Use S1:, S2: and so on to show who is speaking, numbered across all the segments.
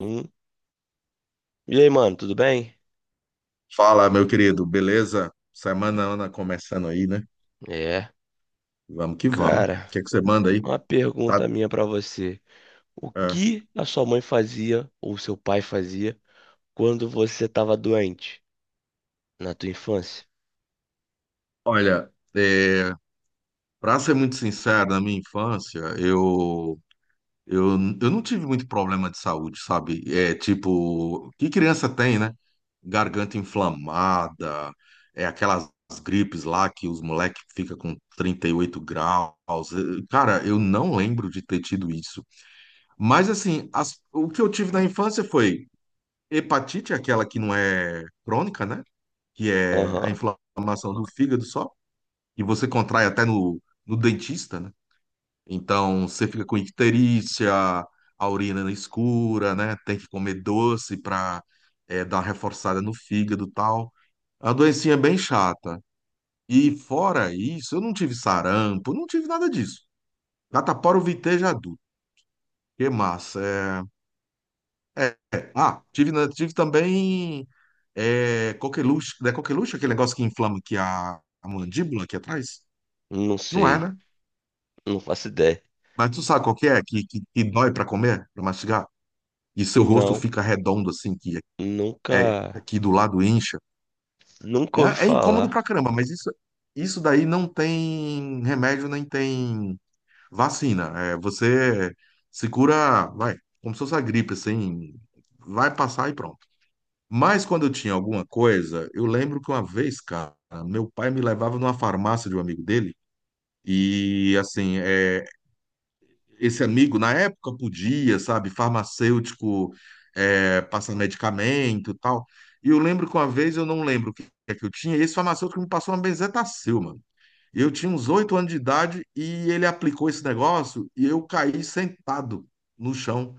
S1: Hum. E aí, mano, tudo bem?
S2: Fala, meu querido, beleza? Semana Ana começando aí, né?
S1: É.
S2: Vamos que vamos. O
S1: Cara,
S2: que é que você manda aí?
S1: uma
S2: Tá,
S1: pergunta minha pra você. O
S2: é.
S1: que a sua mãe fazia ou seu pai fazia quando você tava doente na tua infância?
S2: Olha, é, para ser muito sincero, na minha infância, eu não tive muito problema de saúde, sabe? É tipo, que criança tem, né? Garganta inflamada, é aquelas gripes lá que os moleques ficam com 38 graus. É, cara, eu não lembro de ter tido isso. Mas assim, o que eu tive na infância foi hepatite, é aquela que não é crônica, né? Que é a
S1: Aham.
S2: inflamação do fígado só, e você contrai até no, dentista, né? Então você fica com icterícia, a urina escura, né? Tem que comer doce para dar uma reforçada no fígado e tal. A doencinha é bem chata. E fora isso, eu não tive sarampo, não tive nada disso. Catapora eu vitei já é adulto. Que massa. É, é. Ah, tive, né, tive também é coqueluche, não é coqueluche aquele negócio que inflama aqui a mandíbula aqui atrás?
S1: Não
S2: Não é,
S1: sei.
S2: né?
S1: Não faço ideia.
S2: Mas tu sabe qual que é? Que dói pra comer, pra mastigar? E seu rosto
S1: Não.
S2: fica redondo assim, que é
S1: Nunca.
S2: aqui do lado incha.
S1: Nunca
S2: É,
S1: ouvi
S2: é incômodo
S1: falar.
S2: pra caramba, mas isso daí não tem remédio nem tem vacina. É, você se cura, vai, como se fosse a gripe, assim, vai passar e pronto. Mas quando eu tinha alguma coisa, eu lembro que uma vez, cara, meu pai me levava numa farmácia de um amigo dele. E assim, é, esse amigo na época podia, sabe, farmacêutico, é, passar medicamento e tal. E eu lembro que uma vez, eu não lembro o que é que eu tinha, e esse farmacêutico me passou uma benzetacil, mano. E eu tinha uns 8 anos de idade e ele aplicou esse negócio e eu caí sentado no chão,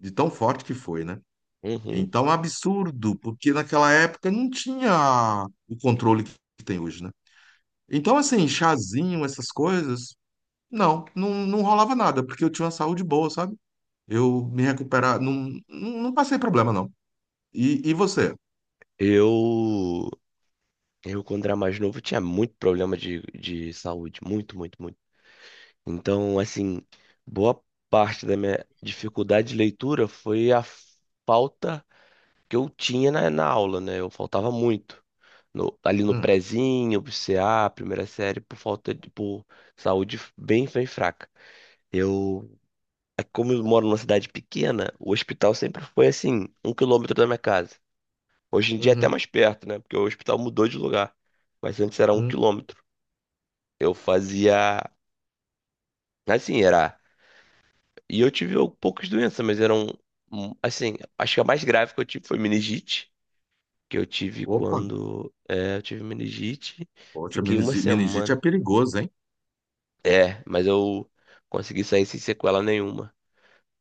S2: de tão forte que foi, né?
S1: Uhum.
S2: Então, é um absurdo, porque naquela época não tinha o controle que tem hoje, né? Então, assim, chazinho, essas coisas, não, não, não rolava nada, porque eu tinha uma saúde boa, sabe? Eu me recuperava, não, não, não passei problema, não. E você?
S1: Eu. Eu, quando era mais novo, tinha muito problema de saúde. Muito, muito, muito. Então, assim, boa parte da minha dificuldade de leitura foi a falta que eu tinha na, na aula, né? Eu faltava muito. No- ali no
S2: Hum.
S1: prezinho, pro CA, primeira série, por falta de, por saúde bem, bem fraca. Eu, é como eu moro numa cidade pequena, o hospital sempre foi assim, um quilômetro da minha casa. Hoje em dia é até
S2: Uhum.
S1: mais perto, né? Porque o hospital mudou de lugar. Mas antes era um
S2: Hum.
S1: quilômetro. Eu fazia, assim, era. E eu tive al- poucas doenças, mas eram, assim, acho que a mais grave que eu tive foi meningite, que eu tive
S2: Opa,
S1: quando, é, eu tive meningite,
S2: poxa,
S1: fiquei uma
S2: meningite é
S1: semana.
S2: perigoso, hein?
S1: É, mas eu consegui sair sem sequela nenhuma.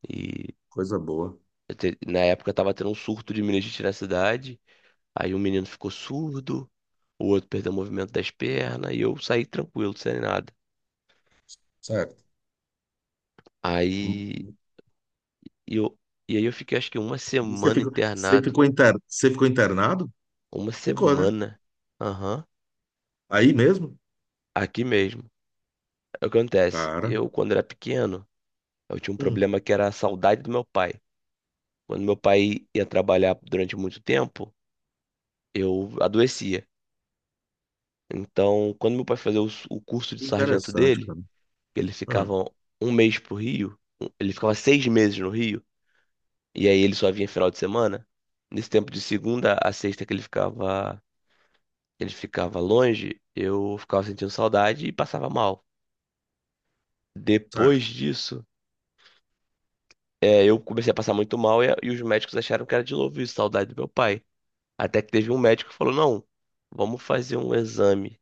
S1: E
S2: Coisa boa.
S1: eu te- na época eu tava tendo um surto de meningite na cidade, aí um menino ficou surdo, o outro perdeu o movimento das pernas, e eu saí tranquilo, sem nada.
S2: Certo.
S1: Aí eu, e aí eu fiquei acho que uma
S2: Você
S1: semana
S2: ficou, você
S1: internado,
S2: ficou, inter, você ficou internado?
S1: uma
S2: Ficou, né?
S1: semana. Aham.
S2: Aí mesmo?
S1: Aqui mesmo. É o que acontece.
S2: Cara,
S1: Eu, quando era pequeno, eu tinha um
S2: hum,
S1: problema que era a saudade do meu pai. Quando meu pai ia trabalhar durante muito tempo, eu adoecia. Então, quando meu pai fazia o, s- o curso de sargento
S2: interessante,
S1: dele,
S2: cara.
S1: ele ficava
S2: Hum,
S1: um mês pro Rio, um- ele ficava seis meses no Rio, e aí ele só vinha final de semana. Nesse tempo de segunda a sexta que ele ficava longe, eu ficava sentindo saudade e passava mal. Depois
S2: certo.
S1: disso é, eu comecei a passar muito mal e os médicos acharam que era de novo isso, saudade do meu pai. Até que teve um médico que falou: não, vamos fazer um exame.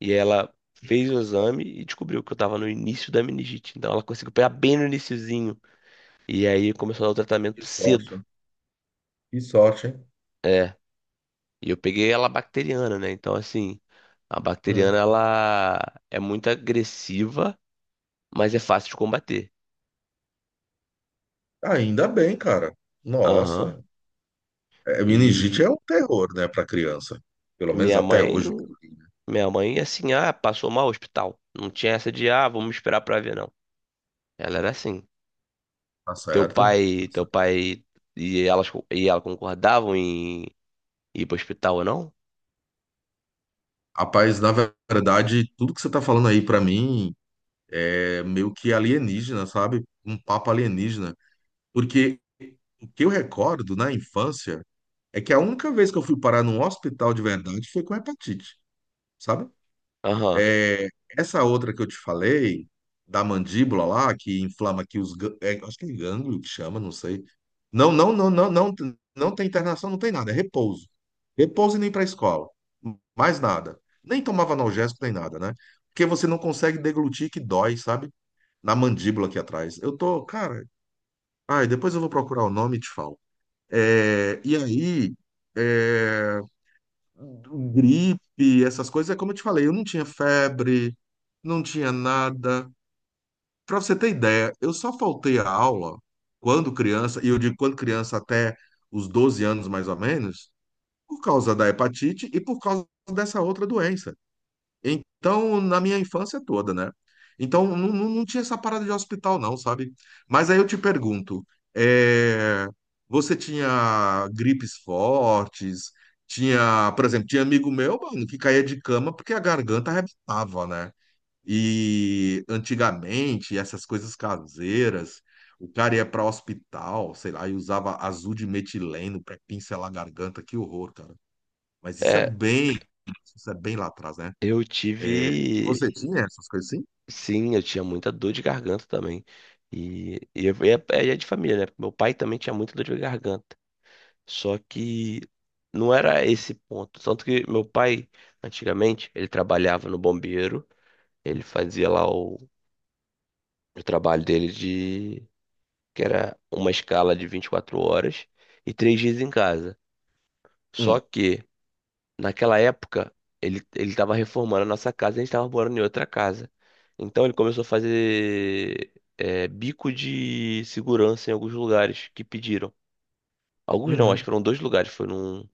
S1: E ela fez o exame e descobriu que eu tava no início da meningite. Então ela conseguiu pegar bem no iniciozinho. E aí começou a dar o
S2: Que
S1: tratamento cedo.
S2: sorte, hein? Que sorte, hein?
S1: É, e eu peguei ela bacteriana, né? Então, assim, a bacteriana
S2: Hum.
S1: ela é muito agressiva, mas é fácil de combater.
S2: Ainda bem, cara.
S1: Aham.
S2: Nossa, é, meningite é
S1: E
S2: um terror, né, para criança. Pelo menos
S1: minha
S2: até
S1: mãe.
S2: hoje o que eu li, né?
S1: Minha mãe, assim, ah, passou mal no hospital. Não tinha essa de, ah, vamos esperar pra ver, não. Ela era assim.
S2: Tá
S1: Teu
S2: certo? Tá
S1: pai, teu
S2: certo.
S1: pai e ela concordavam em ir pro hospital ou não?
S2: Rapaz, na verdade, tudo que você tá falando aí pra mim é meio que alienígena, sabe? Um papo alienígena. Porque o que eu recordo na infância é que a única vez que eu fui parar num hospital de verdade foi com hepatite, sabe?
S1: Aham.
S2: É, essa outra que eu te falei, da mandíbula lá, que inflama aqui é, acho que é gânglio que chama, não sei. Não, não, não, não, não, não tem internação, não tem nada, é repouso. Repouso e nem para escola. Mais nada. Nem tomava analgésico, nem nada, né? Porque você não consegue deglutir que dói, sabe? Na mandíbula aqui atrás. Eu tô, cara. Ai, depois eu vou procurar o nome e te falo. É, e aí. É, gripe, essas coisas, é como eu te falei, eu não tinha febre, não tinha nada. Para você ter ideia, eu só faltei a aula quando criança, e eu digo quando criança até os 12 anos mais ou menos, por causa da hepatite e por causa dessa outra doença. Então, na minha infância toda, né? Então, não, não, não tinha essa parada de hospital, não, sabe? Mas aí eu te pergunto, é, você tinha gripes fortes? Tinha, por exemplo, tinha amigo meu, mano, que caía de cama porque a garganta arrebentava, né? E antigamente, essas coisas caseiras, o cara ia para hospital, sei lá, e usava azul de metileno para pincelar a garganta, que horror, cara. Mas isso é
S1: É,
S2: bem, isso é bem lá atrás, né?
S1: eu
S2: É,
S1: tive,
S2: você tinha essas coisas assim?
S1: sim, eu tinha muita dor de garganta também. E, e é, é de família, né? Meu pai também tinha muita dor de garganta. Só que não era esse ponto. Tanto que meu pai, antigamente, ele trabalhava no bombeiro. Ele fazia lá o trabalho dele de que era uma escala de 24 horas e três dias em casa. Só
S2: Hum.
S1: que naquela época ele estava reformando a nossa casa e a gente estava morando em outra casa. Então ele começou a fazer é, bico de segurança em alguns lugares que pediram. Alguns não, acho que
S2: Uhum.
S1: foram dois lugares.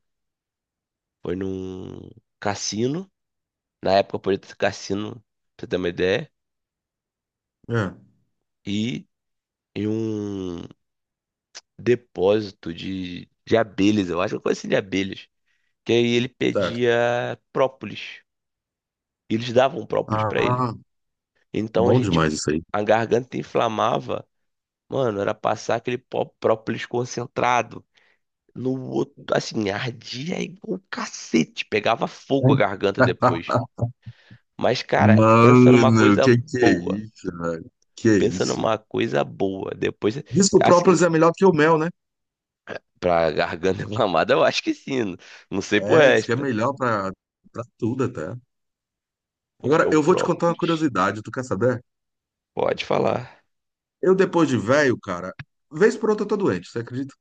S1: Foi num cassino. Na época podia ter cassino, pra você ter uma ideia.
S2: É,
S1: E em um depósito de abelhas, eu acho, uma coisa assim de abelhas, que aí ele
S2: certo.
S1: pedia própolis. E eles davam própolis pra ele.
S2: Ah,
S1: Então a
S2: bom
S1: gente,
S2: demais isso aí.
S1: a garganta inflamava, mano, era passar aquele pó- própolis concentrado no outro, assim, ardia igual um cacete, pegava fogo a garganta depois. Mas, cara, pensa numa
S2: Mano,
S1: coisa
S2: que é
S1: boa.
S2: isso, velho? Que é
S1: Pensa
S2: isso?
S1: numa coisa boa. Depois,
S2: Diz que o
S1: assim,
S2: própolis é melhor que o mel, né?
S1: pra garganta inflamada, eu acho que sim. Não não sei pro
S2: É, diz que é
S1: resto.
S2: melhor pra tudo até.
S1: Porque
S2: Agora,
S1: o
S2: eu vou te contar uma
S1: própolis,
S2: curiosidade, tu quer saber?
S1: pode falar.
S2: Eu, depois de velho, cara, vez por outra eu tô doente, você acredita?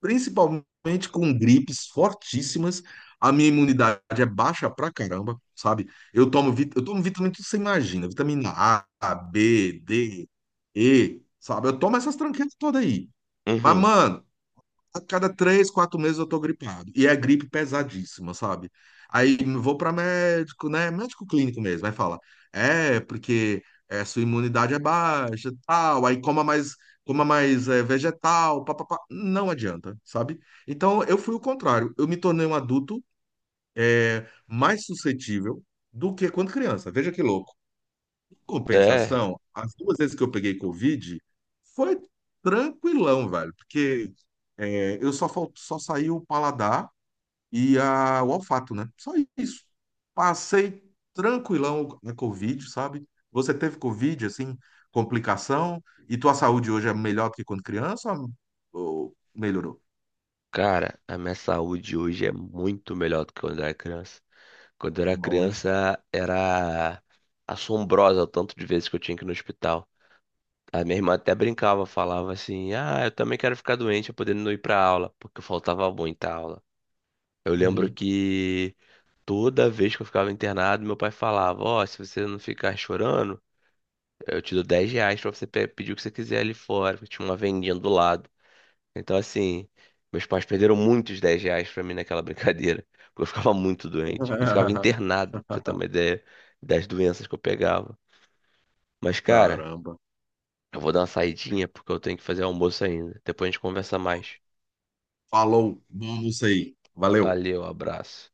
S2: Principalmente com gripes fortíssimas. A minha imunidade é baixa pra caramba, sabe? Eu tomo vitamina que você imagina, vitamina A, B, D, E, sabe? Eu tomo essas tranqueiras todas aí. Mas,
S1: Uhum.
S2: mano, a cada 3, 4 meses eu tô gripado. E é gripe pesadíssima, sabe? Aí vou para médico, né? Médico clínico mesmo. Aí fala, é, porque é, sua imunidade é baixa, tal. Aí coma mais é, vegetal, papapá. Não adianta, sabe? Então eu fui o contrário. Eu me tornei um adulto é, mais suscetível do que quando criança. Veja que louco.
S1: É.
S2: Compensação, as 2 vezes que eu peguei Covid, foi tranquilão, velho, porque é, eu só, só saí o paladar e o olfato, né? Só isso. Passei tranquilão na Covid, sabe? Você teve Covid, assim, complicação, e tua saúde hoje é melhor do que quando criança ou melhorou?
S1: Cara, a minha saúde hoje é muito melhor do que quando eu era criança. Quando eu era
S2: Bom, hein?
S1: criança, era assombrosa o tanto de vezes que eu tinha que ir no hospital. A minha irmã até brincava, falava assim: Ah, eu também quero ficar doente, eu podendo não ir pra aula, porque eu faltava muita aula. Eu lembro
S2: Uhum.
S1: que toda vez que eu ficava internado, meu pai falava: Ó, se você não ficar chorando, eu te dou 10 reais pra você pedir o que você quiser ali fora, porque tinha uma vendinha do lado. Então, assim, meus pais perderam muitos 10 reais pra mim naquela brincadeira. Porque eu ficava muito doente. E ficava internado, pra você ter uma ideia das doenças que eu pegava. Mas, cara,
S2: Caramba.
S1: eu vou dar uma saidinha porque eu tenho que fazer almoço ainda. Depois a gente conversa mais.
S2: Falou, bom, não sei. Valeu.
S1: Valeu, abraço.